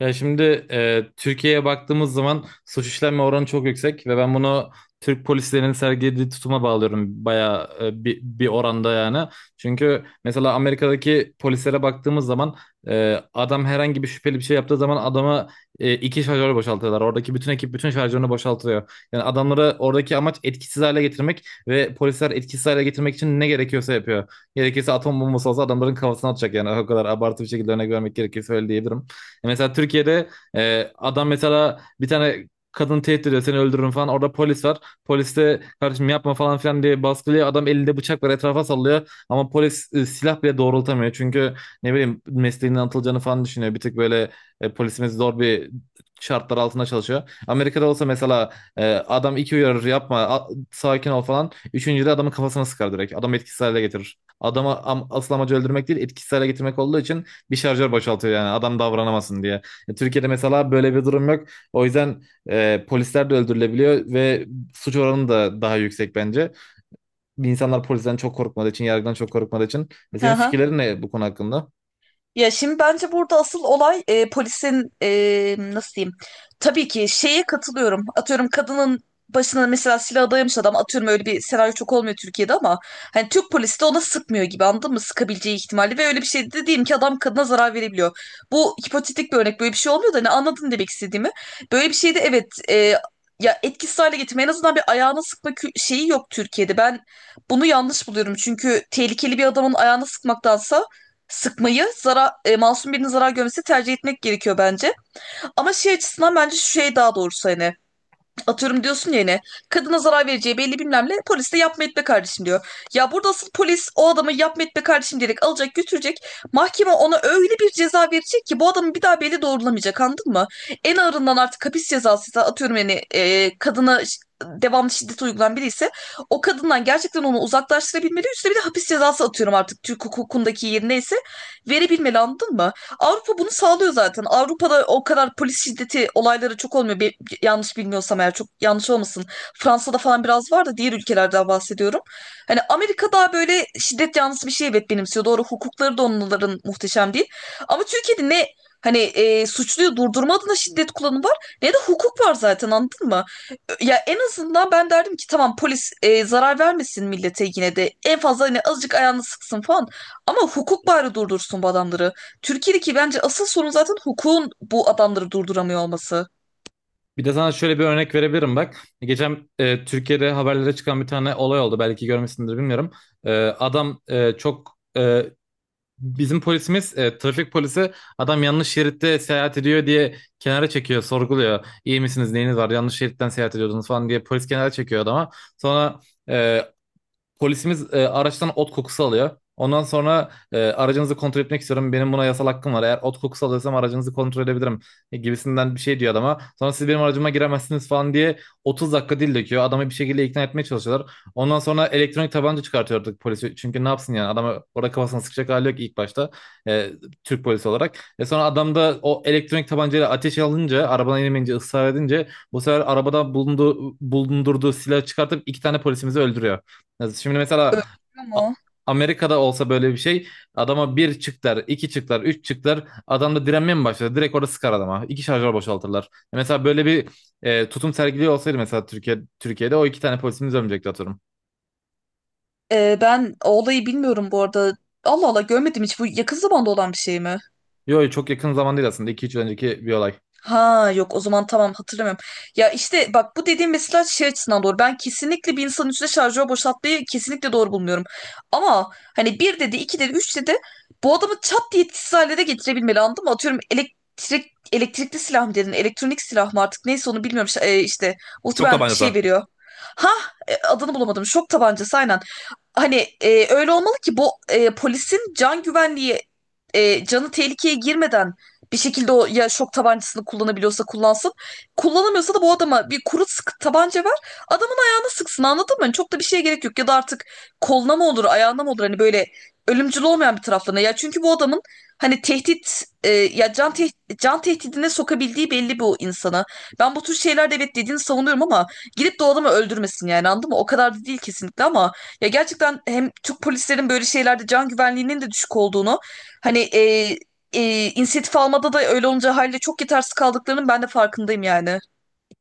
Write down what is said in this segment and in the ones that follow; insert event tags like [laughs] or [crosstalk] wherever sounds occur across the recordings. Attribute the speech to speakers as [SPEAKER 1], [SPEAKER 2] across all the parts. [SPEAKER 1] Ya şimdi Türkiye'ye baktığımız zaman suç işlenme oranı çok yüksek ve ben bunu Türk polislerinin sergilediği tutuma bağlıyorum bayağı bir oranda yani. Çünkü mesela Amerika'daki polislere baktığımız zaman adam herhangi bir şüpheli bir şey yaptığı zaman adama iki şarjör boşaltıyorlar. Oradaki bütün ekip bütün şarjörünü boşaltıyor. Yani adamları oradaki amaç etkisiz hale getirmek ve polisler etkisiz hale getirmek için ne gerekiyorsa yapıyor. Gerekirse atom bombası olsa adamların kafasına atacak yani o kadar abartı bir şekilde örnek vermek gerekirse öyle diyebilirim. Mesela Türkiye'de adam mesela bir tane kadın tehdit ediyor seni öldürürüm falan. Orada polis var. Polis de kardeşim yapma falan filan diye baskılıyor. Adam elinde bıçak var etrafa sallıyor. Ama polis silah bile doğrultamıyor. Çünkü ne bileyim mesleğinden atılacağını falan düşünüyor. Bir tık böyle polisimiz zor bir şartlar altında çalışıyor. Amerika'da olsa mesela adam iki uyarır yapma sakin ol falan. Üçüncüde adamın kafasına sıkar direkt. Adamı etkisiz hale getirir. Asıl amacı öldürmek değil etkisiz hale getirmek olduğu için bir şarjör boşaltıyor yani adam davranamasın diye. Türkiye'de mesela böyle bir durum yok. O yüzden polisler de öldürülebiliyor ve suç oranı da daha yüksek bence. İnsanlar polisten çok korkmadığı için, yargıdan çok korkmadığı için. Senin
[SPEAKER 2] Aha.
[SPEAKER 1] fikirlerin ne bu konu hakkında?
[SPEAKER 2] Ya şimdi bence burada asıl olay polisin nasıl diyeyim? Tabii ki şeye katılıyorum. Atıyorum kadının başına mesela silah dayamış adam, atıyorum öyle bir senaryo çok olmuyor Türkiye'de, ama hani Türk polisi de ona sıkmıyor gibi, anladın mı? Sıkabileceği ihtimali ve öyle bir şey de diyeyim ki adam kadına zarar verebiliyor. Bu hipotetik bir örnek, böyle bir şey olmuyor da hani anladın demek istediğimi. Böyle bir şeyde evet, ya etkisiz hale getirme, en azından bir ayağına sıkma şeyi yok Türkiye'de. Ben bunu yanlış buluyorum, çünkü tehlikeli bir adamın ayağına sıkmaktansa masum birinin zarar görmesi tercih etmek gerekiyor bence. Ama şey açısından bence şu şey, daha doğrusu hani atıyorum diyorsun ya, yine kadına zarar vereceği belli, bilmem ne, polis de yapma etme kardeşim diyor. Ya burada asıl polis o adamı yapma etme kardeşim diyerek alacak götürecek. Mahkeme ona öyle bir ceza verecek ki bu adamı bir daha belli doğrulamayacak, anladın mı? En ağırından artık hapis cezası ise, atıyorum yani, kadına devamlı şiddet uygulayan biri ise o kadından gerçekten onu uzaklaştırabilmeli. Üstüne bir de hapis cezası, atıyorum artık Türk hukukundaki yerine ise, verebilmeli, anladın mı? Avrupa bunu sağlıyor zaten. Avrupa'da o kadar polis şiddeti olayları çok olmuyor. Bir, yanlış bilmiyorsam eğer, çok yanlış olmasın. Fransa'da falan biraz var da, diğer ülkelerden bahsediyorum. Hani Amerika daha böyle şiddet yanlısı bir şey evet benimsiyor. Doğru, hukukları da onların muhteşem değil. Ama Türkiye'de ne hani suçluyu durdurma adına şiddet kullanımı var, ne de hukuk var zaten, anladın mı? Ya en azından ben derdim ki tamam, polis zarar vermesin millete yine de. En fazla hani azıcık ayağını sıksın falan. Ama hukuk bari durdursun bu adamları. Türkiye'deki bence asıl sorun zaten hukukun bu adamları durduramıyor olması.
[SPEAKER 1] Bir de sana şöyle bir örnek verebilirim bak. Geçen Türkiye'de haberlere çıkan bir tane olay oldu. Belki görmüşsündür bilmiyorum. E, adam e, çok e, Bizim polisimiz, trafik polisi adam yanlış şeritte seyahat ediyor diye kenara çekiyor, sorguluyor. İyi misiniz, neyiniz var, yanlış şeritten seyahat ediyordunuz falan diye polis kenara çekiyor adama. Sonra e, polisimiz araçtan ot kokusu alıyor. Ondan sonra aracınızı kontrol etmek istiyorum. Benim buna yasal hakkım var. Eğer ot kokusu alıyorsam aracınızı kontrol edebilirim gibisinden bir şey diyor adama. Sonra siz benim aracıma giremezsiniz falan diye 30 dakika dil döküyor. Adamı bir şekilde ikna etmeye çalışıyorlar. Ondan sonra elektronik tabanca çıkartıyor artık polisi. Çünkü ne yapsın yani adamı orada kafasına sıkacak hali yok ilk başta E, Türk polisi olarak. Sonra adam da o elektronik tabancayla ateş alınca, arabadan inemeyince, ısrar edince bu sefer arabada bulundurduğu silahı çıkartıp iki tane polisimizi öldürüyor. Ya şimdi mesela
[SPEAKER 2] Öldürüyor
[SPEAKER 1] A-
[SPEAKER 2] mu?
[SPEAKER 1] Amerika'da olsa böyle bir şey adama bir çıktılar, iki çıktılar, üç çıktılar adam da direnmeye mi başladı? Direkt orada sıkar adama. İki şarjör boşaltırlar. Mesela böyle bir tutum sergiliyor olsaydı mesela Türkiye'de o iki tane polisimiz ölmeyecekti atıyorum.
[SPEAKER 2] Ben o olayı bilmiyorum bu arada. Allah Allah, görmedim hiç. Bu yakın zamanda olan bir şey mi?
[SPEAKER 1] Yok çok yakın zaman değil aslında. 2-3 önceki bir olay.
[SPEAKER 2] Ha yok, o zaman tamam, hatırlamıyorum. Ya işte bak, bu dediğim mesela şey açısından doğru. Ben kesinlikle bir insanın üstüne şarjör boşaltmayı kesinlikle doğru bulmuyorum. Ama hani bir dedi, iki dedi, üç dedi, bu adamı çat diye etkisiz hale de getirebilmeli, anladın mı? Atıyorum, elektrikli silah mı dedin? Elektronik silah mı artık, neyse onu bilmiyorum. İşte
[SPEAKER 1] Çok
[SPEAKER 2] muhtemelen şey
[SPEAKER 1] tabancası.
[SPEAKER 2] veriyor. Ha, adını bulamadım. Şok tabancası aynen. Hani öyle olmalı ki bu polisin can güvenliği, canı tehlikeye girmeden bir şekilde o, ya şok tabancasını kullanabiliyorsa kullansın. Kullanamıyorsa da bu adama bir kuru sık tabanca ver. Adamın ayağına sıksın, anladın mı? Hani çok da bir şeye gerek yok. Ya da artık koluna mı olur ayağına mı olur, hani böyle ölümcül olmayan bir taraflarına. Ya çünkü bu adamın hani tehdit e, ya can teh- can tehdidine sokabildiği belli bu insana. Ben bu tür şeylerde evet dediğini savunuyorum, ama gidip de o adamı öldürmesin yani, anladın mı? O kadar da değil kesinlikle, ama ya gerçekten hem Türk polislerin böyle şeylerde can güvenliğinin de düşük olduğunu, hani inisiyatif almada da öyle olunca haliyle çok yetersiz kaldıklarının ben de farkındayım yani.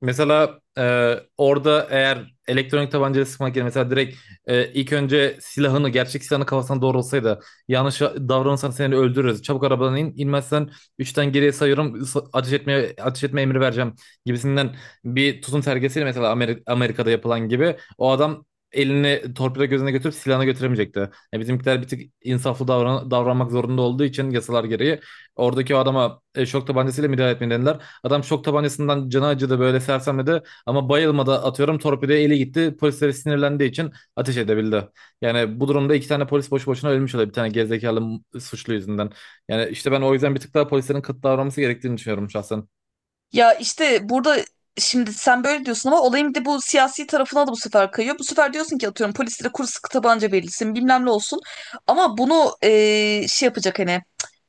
[SPEAKER 1] Mesela orada eğer elektronik tabancayla sıkmak yerine mesela direkt ilk önce silahını gerçek silahını kafasına doğrulsaydı yanlış davranırsan seni öldürürüz. Çabuk arabadan in. İnmezsen üçten geriye sayıyorum ateş etme emri vereceğim gibisinden bir tutum sergisiyle mesela Amerika'da yapılan gibi o adam elini torpido gözüne götürüp silahını götüremeyecekti. E, bizimkiler bir tık insaflı davranmak zorunda olduğu için yasalar gereği oradaki o adama şok tabancasıyla müdahale etmediler. Adam şok tabancasından canı acıdı böyle sersemledi ama bayılmadı atıyorum torpidoya eli gitti. Polislere sinirlendiği için ateş edebildi. Yani bu durumda iki tane polis boşu boşuna ölmüş oluyor bir tane gerizekalı suçlu yüzünden. Yani işte ben o yüzden bir tık daha polislerin kıt davranması gerektiğini düşünüyorum şahsen.
[SPEAKER 2] Ya işte burada şimdi sen böyle diyorsun, ama olayın bir de bu siyasi tarafına da bu sefer kayıyor. Bu sefer diyorsun ki atıyorum polislere kuru sıkı tabanca verilsin, bilmem ne olsun. Ama bunu şey yapacak, hani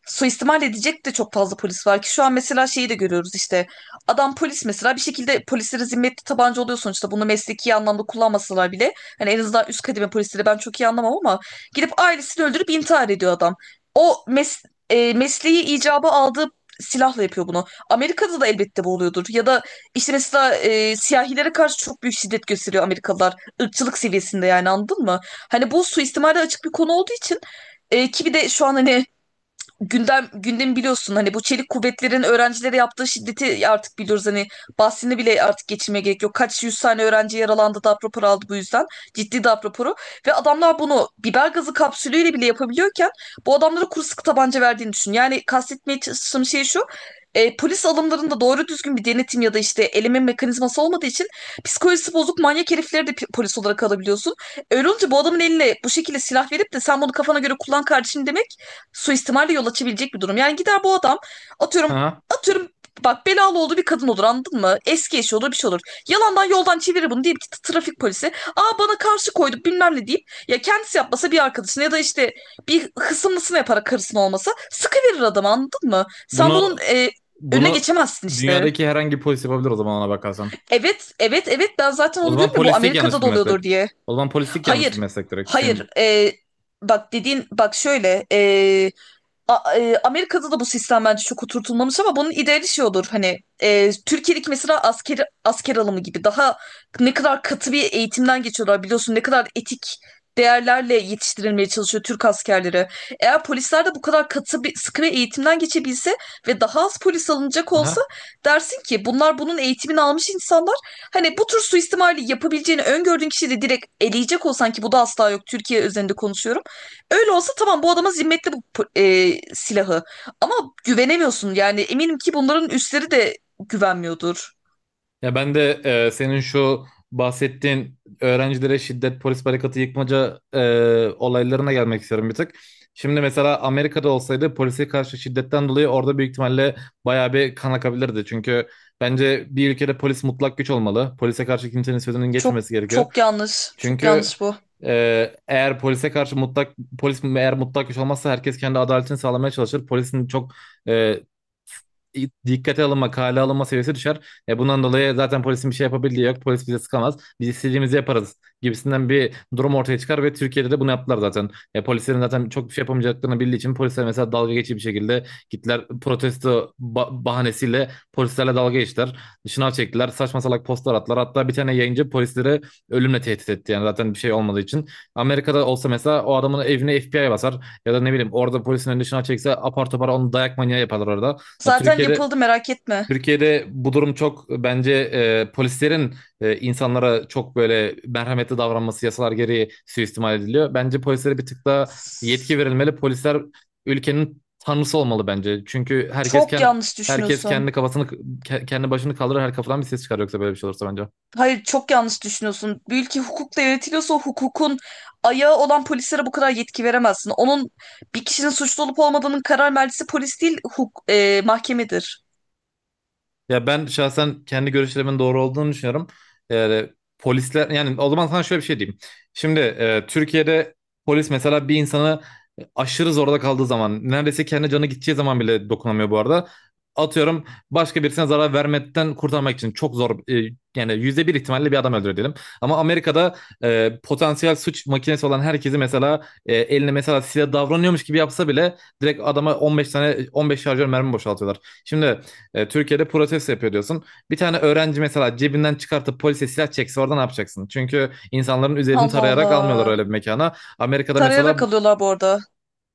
[SPEAKER 2] suistimal edecek de çok fazla polis var ki şu an. Mesela şeyi de görüyoruz işte, adam polis mesela bir şekilde polislere zimmetli tabanca oluyor sonuçta, bunu mesleki anlamda kullanmasalar bile hani en azından üst kademe polisleri ben çok iyi anlamam, ama gidip ailesini öldürüp intihar ediyor adam. O mes Mesleği icabı aldığı silahla yapıyor bunu. Amerika'da da elbette bu oluyordur. Ya da işte mesela siyahilere karşı çok büyük şiddet gösteriyor Amerikalılar. Irkçılık seviyesinde yani, anladın mı? Hani bu suistimale açık bir konu olduğu için, ki bir de şu an hani gündemi biliyorsun, hani bu çelik kuvvetlerin öğrencilere yaptığı şiddeti artık biliyoruz, hani bahsini bile artık geçirmeye gerek yok. Kaç yüz tane öğrenci yaralandı, darp raporu aldı bu yüzden. Ciddi darp raporu, ve adamlar bunu biber gazı kapsülüyle bile yapabiliyorken bu adamlara kuru sıkı tabanca verdiğini düşün. Yani kastetmeye çalıştığım şey şu, polis alımlarında doğru düzgün bir denetim ya da işte eleme mekanizması olmadığı için psikolojisi bozuk manyak herifleri de polis olarak alabiliyorsun. Öyle olunca bu adamın eline bu şekilde silah verip de sen bunu kafana göre kullan kardeşim demek, suistimale yol açabilecek bir durum. Yani gider bu adam atıyorum,
[SPEAKER 1] Aha.
[SPEAKER 2] atıyorum bak belalı olduğu bir kadın olur, anladın mı? Eski eşi olur, bir şey olur. Yalandan yoldan çevirir bunu deyip ki trafik polisi aa bana karşı koydu bilmem ne deyip, ya kendisi yapmasa bir arkadaşına, ya da işte bir hısımlısına yaparak, karısına olmasa sıkıverir adamı, anladın mı? Sen bunun
[SPEAKER 1] Bunu
[SPEAKER 2] önüne
[SPEAKER 1] bunu
[SPEAKER 2] geçemezsin işte.
[SPEAKER 1] dünyadaki herhangi bir polis yapabilir o zaman ona bakarsan.
[SPEAKER 2] Evet evet evet, ben zaten
[SPEAKER 1] O
[SPEAKER 2] onu
[SPEAKER 1] zaman
[SPEAKER 2] diyorum ya bu
[SPEAKER 1] polislik yanlış
[SPEAKER 2] Amerika'da da
[SPEAKER 1] bir meslek.
[SPEAKER 2] oluyordur diye.
[SPEAKER 1] O zaman polislik yanlış bir
[SPEAKER 2] Hayır
[SPEAKER 1] meslek direkt senin
[SPEAKER 2] hayır,
[SPEAKER 1] bu.
[SPEAKER 2] bak dediğin, bak şöyle, Amerika'da da bu sistem bence çok oturtulmamış, ama bunun ideali şey olur, hani Türkiye'deki mesela asker alımı gibi. Daha ne kadar katı bir eğitimden geçiyorlar biliyorsun, ne kadar etik değerlerle yetiştirilmeye çalışıyor Türk askerleri. Eğer polisler de bu kadar katı bir, sıkı bir eğitimden geçebilse ve daha az polis alınacak olsa,
[SPEAKER 1] Aha.
[SPEAKER 2] dersin ki bunlar bunun eğitimini almış insanlar. Hani bu tür suistimali yapabileceğini öngördüğün kişiyi de direkt eleyecek olsan, ki bu da asla yok, Türkiye üzerinde konuşuyorum. Öyle olsa tamam, bu adama zimmetli bu silahı. Ama güvenemiyorsun yani, eminim ki bunların üstleri de güvenmiyordur.
[SPEAKER 1] Ya ben de senin şu bahsettiğin öğrencilere şiddet, polis barikatı yıkmaca olaylarına gelmek istiyorum bir tık. Şimdi mesela Amerika'da olsaydı polise karşı şiddetten dolayı orada büyük ihtimalle bayağı bir kan akabilirdi. Çünkü bence bir ülkede polis mutlak güç olmalı. Polise karşı kimsenin sözünün
[SPEAKER 2] Çok
[SPEAKER 1] geçmemesi gerekiyor.
[SPEAKER 2] Çok yanlış. Çok
[SPEAKER 1] Çünkü
[SPEAKER 2] yanlış bu.
[SPEAKER 1] eğer polis eğer mutlak güç olmazsa herkes kendi adaletini sağlamaya çalışır. Polisin çok e, dikkate alınma, kale alınma seviyesi düşer. E bundan dolayı zaten polisin bir şey yapabildiği yok. Polis bize sıkamaz. Biz istediğimizi yaparız gibisinden bir durum ortaya çıkar ve Türkiye'de de bunu yaptılar zaten. E polislerin zaten çok bir şey yapamayacaklarını bildiği için polisler mesela dalga geçici bir şekilde gittiler protesto bahanesiyle polislerle dalga geçtiler. Şınav çektiler. Saçma salak postlar attılar. Hatta bir tane yayıncı polislere ölümle tehdit etti yani zaten bir şey olmadığı için. Amerika'da olsa mesela o adamın evine FBI basar ya da ne bileyim orada polisin önüne şına çekse apar topar onu dayak manyağı yaparlar orada. Yani
[SPEAKER 2] Zaten
[SPEAKER 1] Türkiye'de
[SPEAKER 2] yapıldı, merak etme.
[SPEAKER 1] Türkiye'de bu durum çok bence polislerin insanlara çok böyle merhametli davranması yasalar gereği suistimal ediliyor. Bence polislere bir tık daha yetki
[SPEAKER 2] S-
[SPEAKER 1] verilmeli. Polisler ülkenin tanrısı olmalı bence. Çünkü herkes
[SPEAKER 2] Çok
[SPEAKER 1] kendi
[SPEAKER 2] yanlış
[SPEAKER 1] herkes
[SPEAKER 2] düşünüyorsun.
[SPEAKER 1] kendi kafasını kendi başını kaldırır her kafadan bir ses çıkar yoksa böyle bir şey olursa bence.
[SPEAKER 2] Hayır çok yanlış düşünüyorsun. Bir ülke hukukla yönetiliyorsa, o hukukun ayağı olan polislere bu kadar yetki veremezsin. Onun, bir kişinin suçlu olup olmadığının karar mercisi polis değil, mahkemedir.
[SPEAKER 1] Ya ben şahsen kendi görüşlerimin doğru olduğunu düşünüyorum. Yani polisler yani o zaman sana şöyle bir şey diyeyim. Şimdi Türkiye'de polis mesela bir insanı aşırı zorda kaldığı zaman neredeyse kendi canı gideceği zaman bile dokunamıyor bu arada. Atıyorum başka birisine zarar vermekten kurtarmak için çok zor yani yüzde bir ihtimalle bir adam öldürüyor diyelim. Ama Amerika'da potansiyel suç makinesi olan herkesi mesela eline mesela silah davranıyormuş gibi yapsa bile direkt adama 15 şarjör mermi boşaltıyorlar. Şimdi Türkiye'de protesto yapıyor diyorsun. Bir tane öğrenci mesela cebinden çıkartıp polise silah çekse orada ne yapacaksın? Çünkü insanların üzerini
[SPEAKER 2] Allah
[SPEAKER 1] tarayarak almıyorlar
[SPEAKER 2] Allah.
[SPEAKER 1] öyle bir mekana. Amerika'da mesela
[SPEAKER 2] Tarayarak alıyorlar bu arada.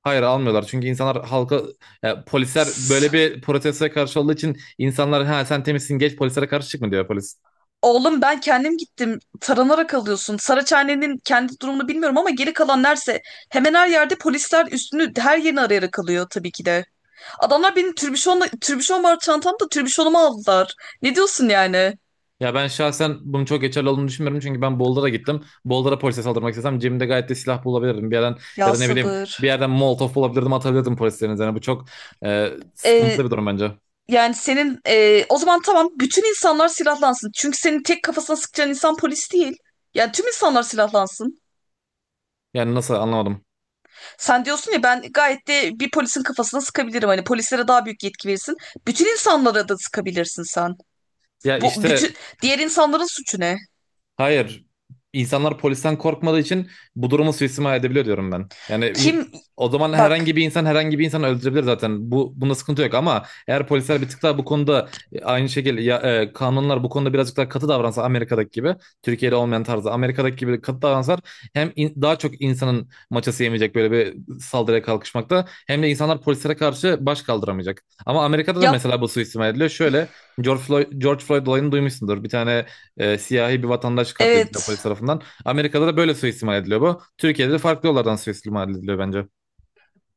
[SPEAKER 1] hayır almıyorlar. Çünkü insanlar halka polisler böyle bir protestoya karşı olduğu için insanlar ha sen temizsin geç polislere karşı çıkma diyor polis.
[SPEAKER 2] Oğlum ben kendim gittim. Taranarak alıyorsun. Saraçhane'nin kendi durumunu bilmiyorum, ama geri kalan nerse hemen her yerde polisler üstünü her yerini arayarak alıyor tabii ki de. Adamlar benim türbüşonla, türbüşon var çantamda, türbüşonumu aldılar. Ne diyorsun yani?
[SPEAKER 1] Ya ben şahsen bunun çok geçerli olduğunu düşünmüyorum çünkü ben Boulder'a gittim. Boulder'a polise saldırmak istesem cebimde gayet de silah bulabilirdim. Bir yerden ya
[SPEAKER 2] Ya
[SPEAKER 1] da ne bileyim bir
[SPEAKER 2] sabır.
[SPEAKER 1] yerden Molotov bulabilirdim atabilirdim polislerin üzerine. Bu çok e,
[SPEAKER 2] Ee,
[SPEAKER 1] sıkıntılı bir durum bence.
[SPEAKER 2] Yani senin, o zaman tamam, bütün insanlar silahlansın. Çünkü senin tek kafasına sıkacağın insan polis değil. Yani tüm insanlar silahlansın.
[SPEAKER 1] Yani nasıl anlamadım.
[SPEAKER 2] Sen diyorsun ya, ben gayet de bir polisin kafasına sıkabilirim. Hani polislere daha büyük yetki verirsin. Bütün insanlara da sıkabilirsin sen.
[SPEAKER 1] Ya
[SPEAKER 2] Bu
[SPEAKER 1] işte
[SPEAKER 2] bütün Diğer insanların suçu ne?
[SPEAKER 1] hayır. İnsanlar polisten korkmadığı için bu durumu suistimal edebiliyor diyorum ben. Yani
[SPEAKER 2] Kim,
[SPEAKER 1] o zaman
[SPEAKER 2] bak,
[SPEAKER 1] herhangi bir insan herhangi bir insanı öldürebilir zaten. Bu bunda sıkıntı yok ama eğer polisler bir tık daha bu konuda aynı şekilde ya, kanunlar bu konuda birazcık daha katı davransa Amerika'daki gibi Türkiye'de olmayan tarzda Amerika'daki gibi katı davransalar hem daha çok insanın maçası yemeyecek böyle bir saldırıya kalkışmakta hem de insanlar polislere karşı baş kaldıramayacak. Ama Amerika'da da
[SPEAKER 2] yap,
[SPEAKER 1] mesela bu suistimal ediliyor. Şöyle George Floyd olayını duymuşsundur. Bir tane siyahi bir vatandaş katlediliyor polis
[SPEAKER 2] evet.
[SPEAKER 1] tarafından. Amerika'da da böyle suistimal ediliyor bu. Türkiye'de de farklı yollardan suistimal ediliyor bence.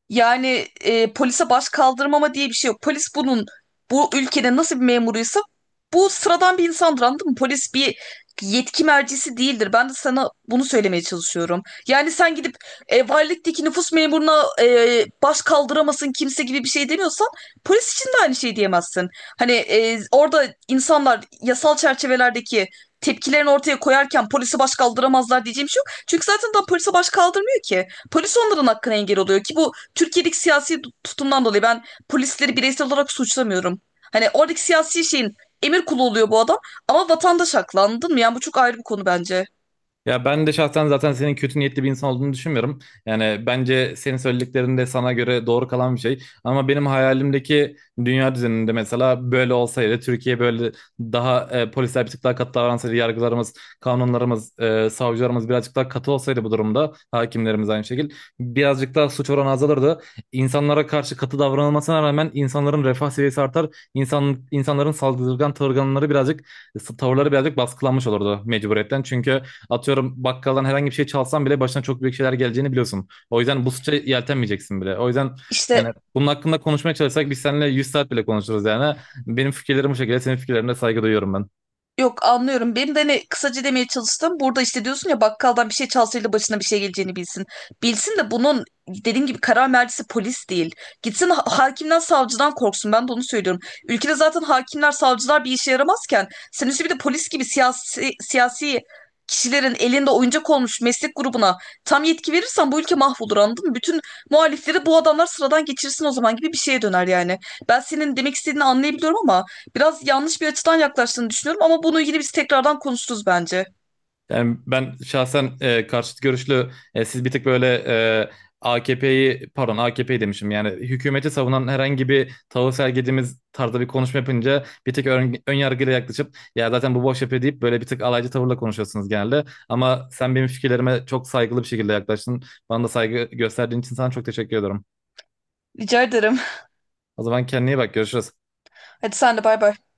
[SPEAKER 2] Yani polise baş kaldırmama diye bir şey yok. Polis bunun, bu ülkede nasıl bir memuruysa, bu sıradan bir insandır, anladın mı? Polis bir yetki mercisi değildir. Ben de sana bunu söylemeye çalışıyorum. Yani sen gidip valilikteki nüfus memuruna baş kaldıramasın kimse gibi bir şey demiyorsan, polis için de aynı şey diyemezsin. Hani orada insanlar yasal çerçevelerdeki tepkilerini ortaya koyarken polise baş kaldıramazlar diyeceğim bir şey yok. Çünkü zaten daha polise baş kaldırmıyor ki. Polis onların hakkına engel oluyor ki, bu Türkiye'deki siyasi tutumdan dolayı ben polisleri bireysel olarak suçlamıyorum. Hani oradaki siyasi şeyin emir kulu oluyor bu adam, ama vatandaş haklı, anladın mı? Yani bu çok ayrı bir konu bence.
[SPEAKER 1] Ya ben de şahsen zaten senin kötü niyetli bir insan olduğunu düşünmüyorum. Yani bence senin söylediklerin de sana göre doğru kalan bir şey. Ama benim hayalimdeki dünya düzeninde mesela böyle olsaydı, Türkiye böyle daha polisler bir tık daha katı davransaydı, yargılarımız, kanunlarımız, savcılarımız birazcık daha katı olsaydı bu durumda, hakimlerimiz aynı şekilde birazcık daha suç oranı azalırdı. İnsanlara karşı katı davranılmasına rağmen insanların refah seviyesi artar, insanların saldırgan tavırları birazcık baskılanmış olurdu mecburiyetten. Çünkü atıyorum bakkaldan herhangi bir şey çalsan bile başına çok büyük şeyler geleceğini biliyorsun. O yüzden bu suça yeltenmeyeceksin bile. O yüzden yani
[SPEAKER 2] İşte,
[SPEAKER 1] bunun hakkında konuşmaya çalışsak biz seninle 100 saat bile konuşuruz yani. Benim fikirlerim bu şekilde, senin fikirlerine saygı duyuyorum ben.
[SPEAKER 2] yok, anlıyorum. Benim de hani kısaca demeye çalıştım. Burada işte diyorsun ya, bakkaldan bir şey çalsaydı başına bir şey geleceğini bilsin. Bilsin de, bunun dediğim gibi karar mercisi polis değil. Gitsin hakimden savcıdan korksun. Ben de onu söylüyorum. Ülkede zaten hakimler savcılar bir işe yaramazken, sen üstü bir de polis gibi siyasi kişilerin elinde oyuncak olmuş meslek grubuna tam yetki verirsen bu ülke mahvolur, anladın mı? Bütün muhalifleri bu adamlar sıradan geçirsin o zaman, gibi bir şeye döner yani. Ben senin demek istediğini anlayabiliyorum, ama biraz yanlış bir açıdan yaklaştığını düşünüyorum, ama bunu ilgili biz tekrardan konuşuruz bence.
[SPEAKER 1] Yani ben şahsen karşıt görüşlü siz bir tık böyle AKP'yi demişim yani hükümeti savunan herhangi bir tavır sergilediğimiz tarzda bir konuşma yapınca bir tık ön yargıyla yaklaşıp ya zaten bu boş yapıyor deyip böyle bir tık alaycı tavırla konuşuyorsunuz genelde. Ama sen benim fikirlerime çok saygılı bir şekilde yaklaştın. Bana da saygı gösterdiğin için sana çok teşekkür ediyorum.
[SPEAKER 2] Rica ederim.
[SPEAKER 1] O zaman kendine iyi bak görüşürüz.
[SPEAKER 2] [laughs] Hadi sen de, bay bay.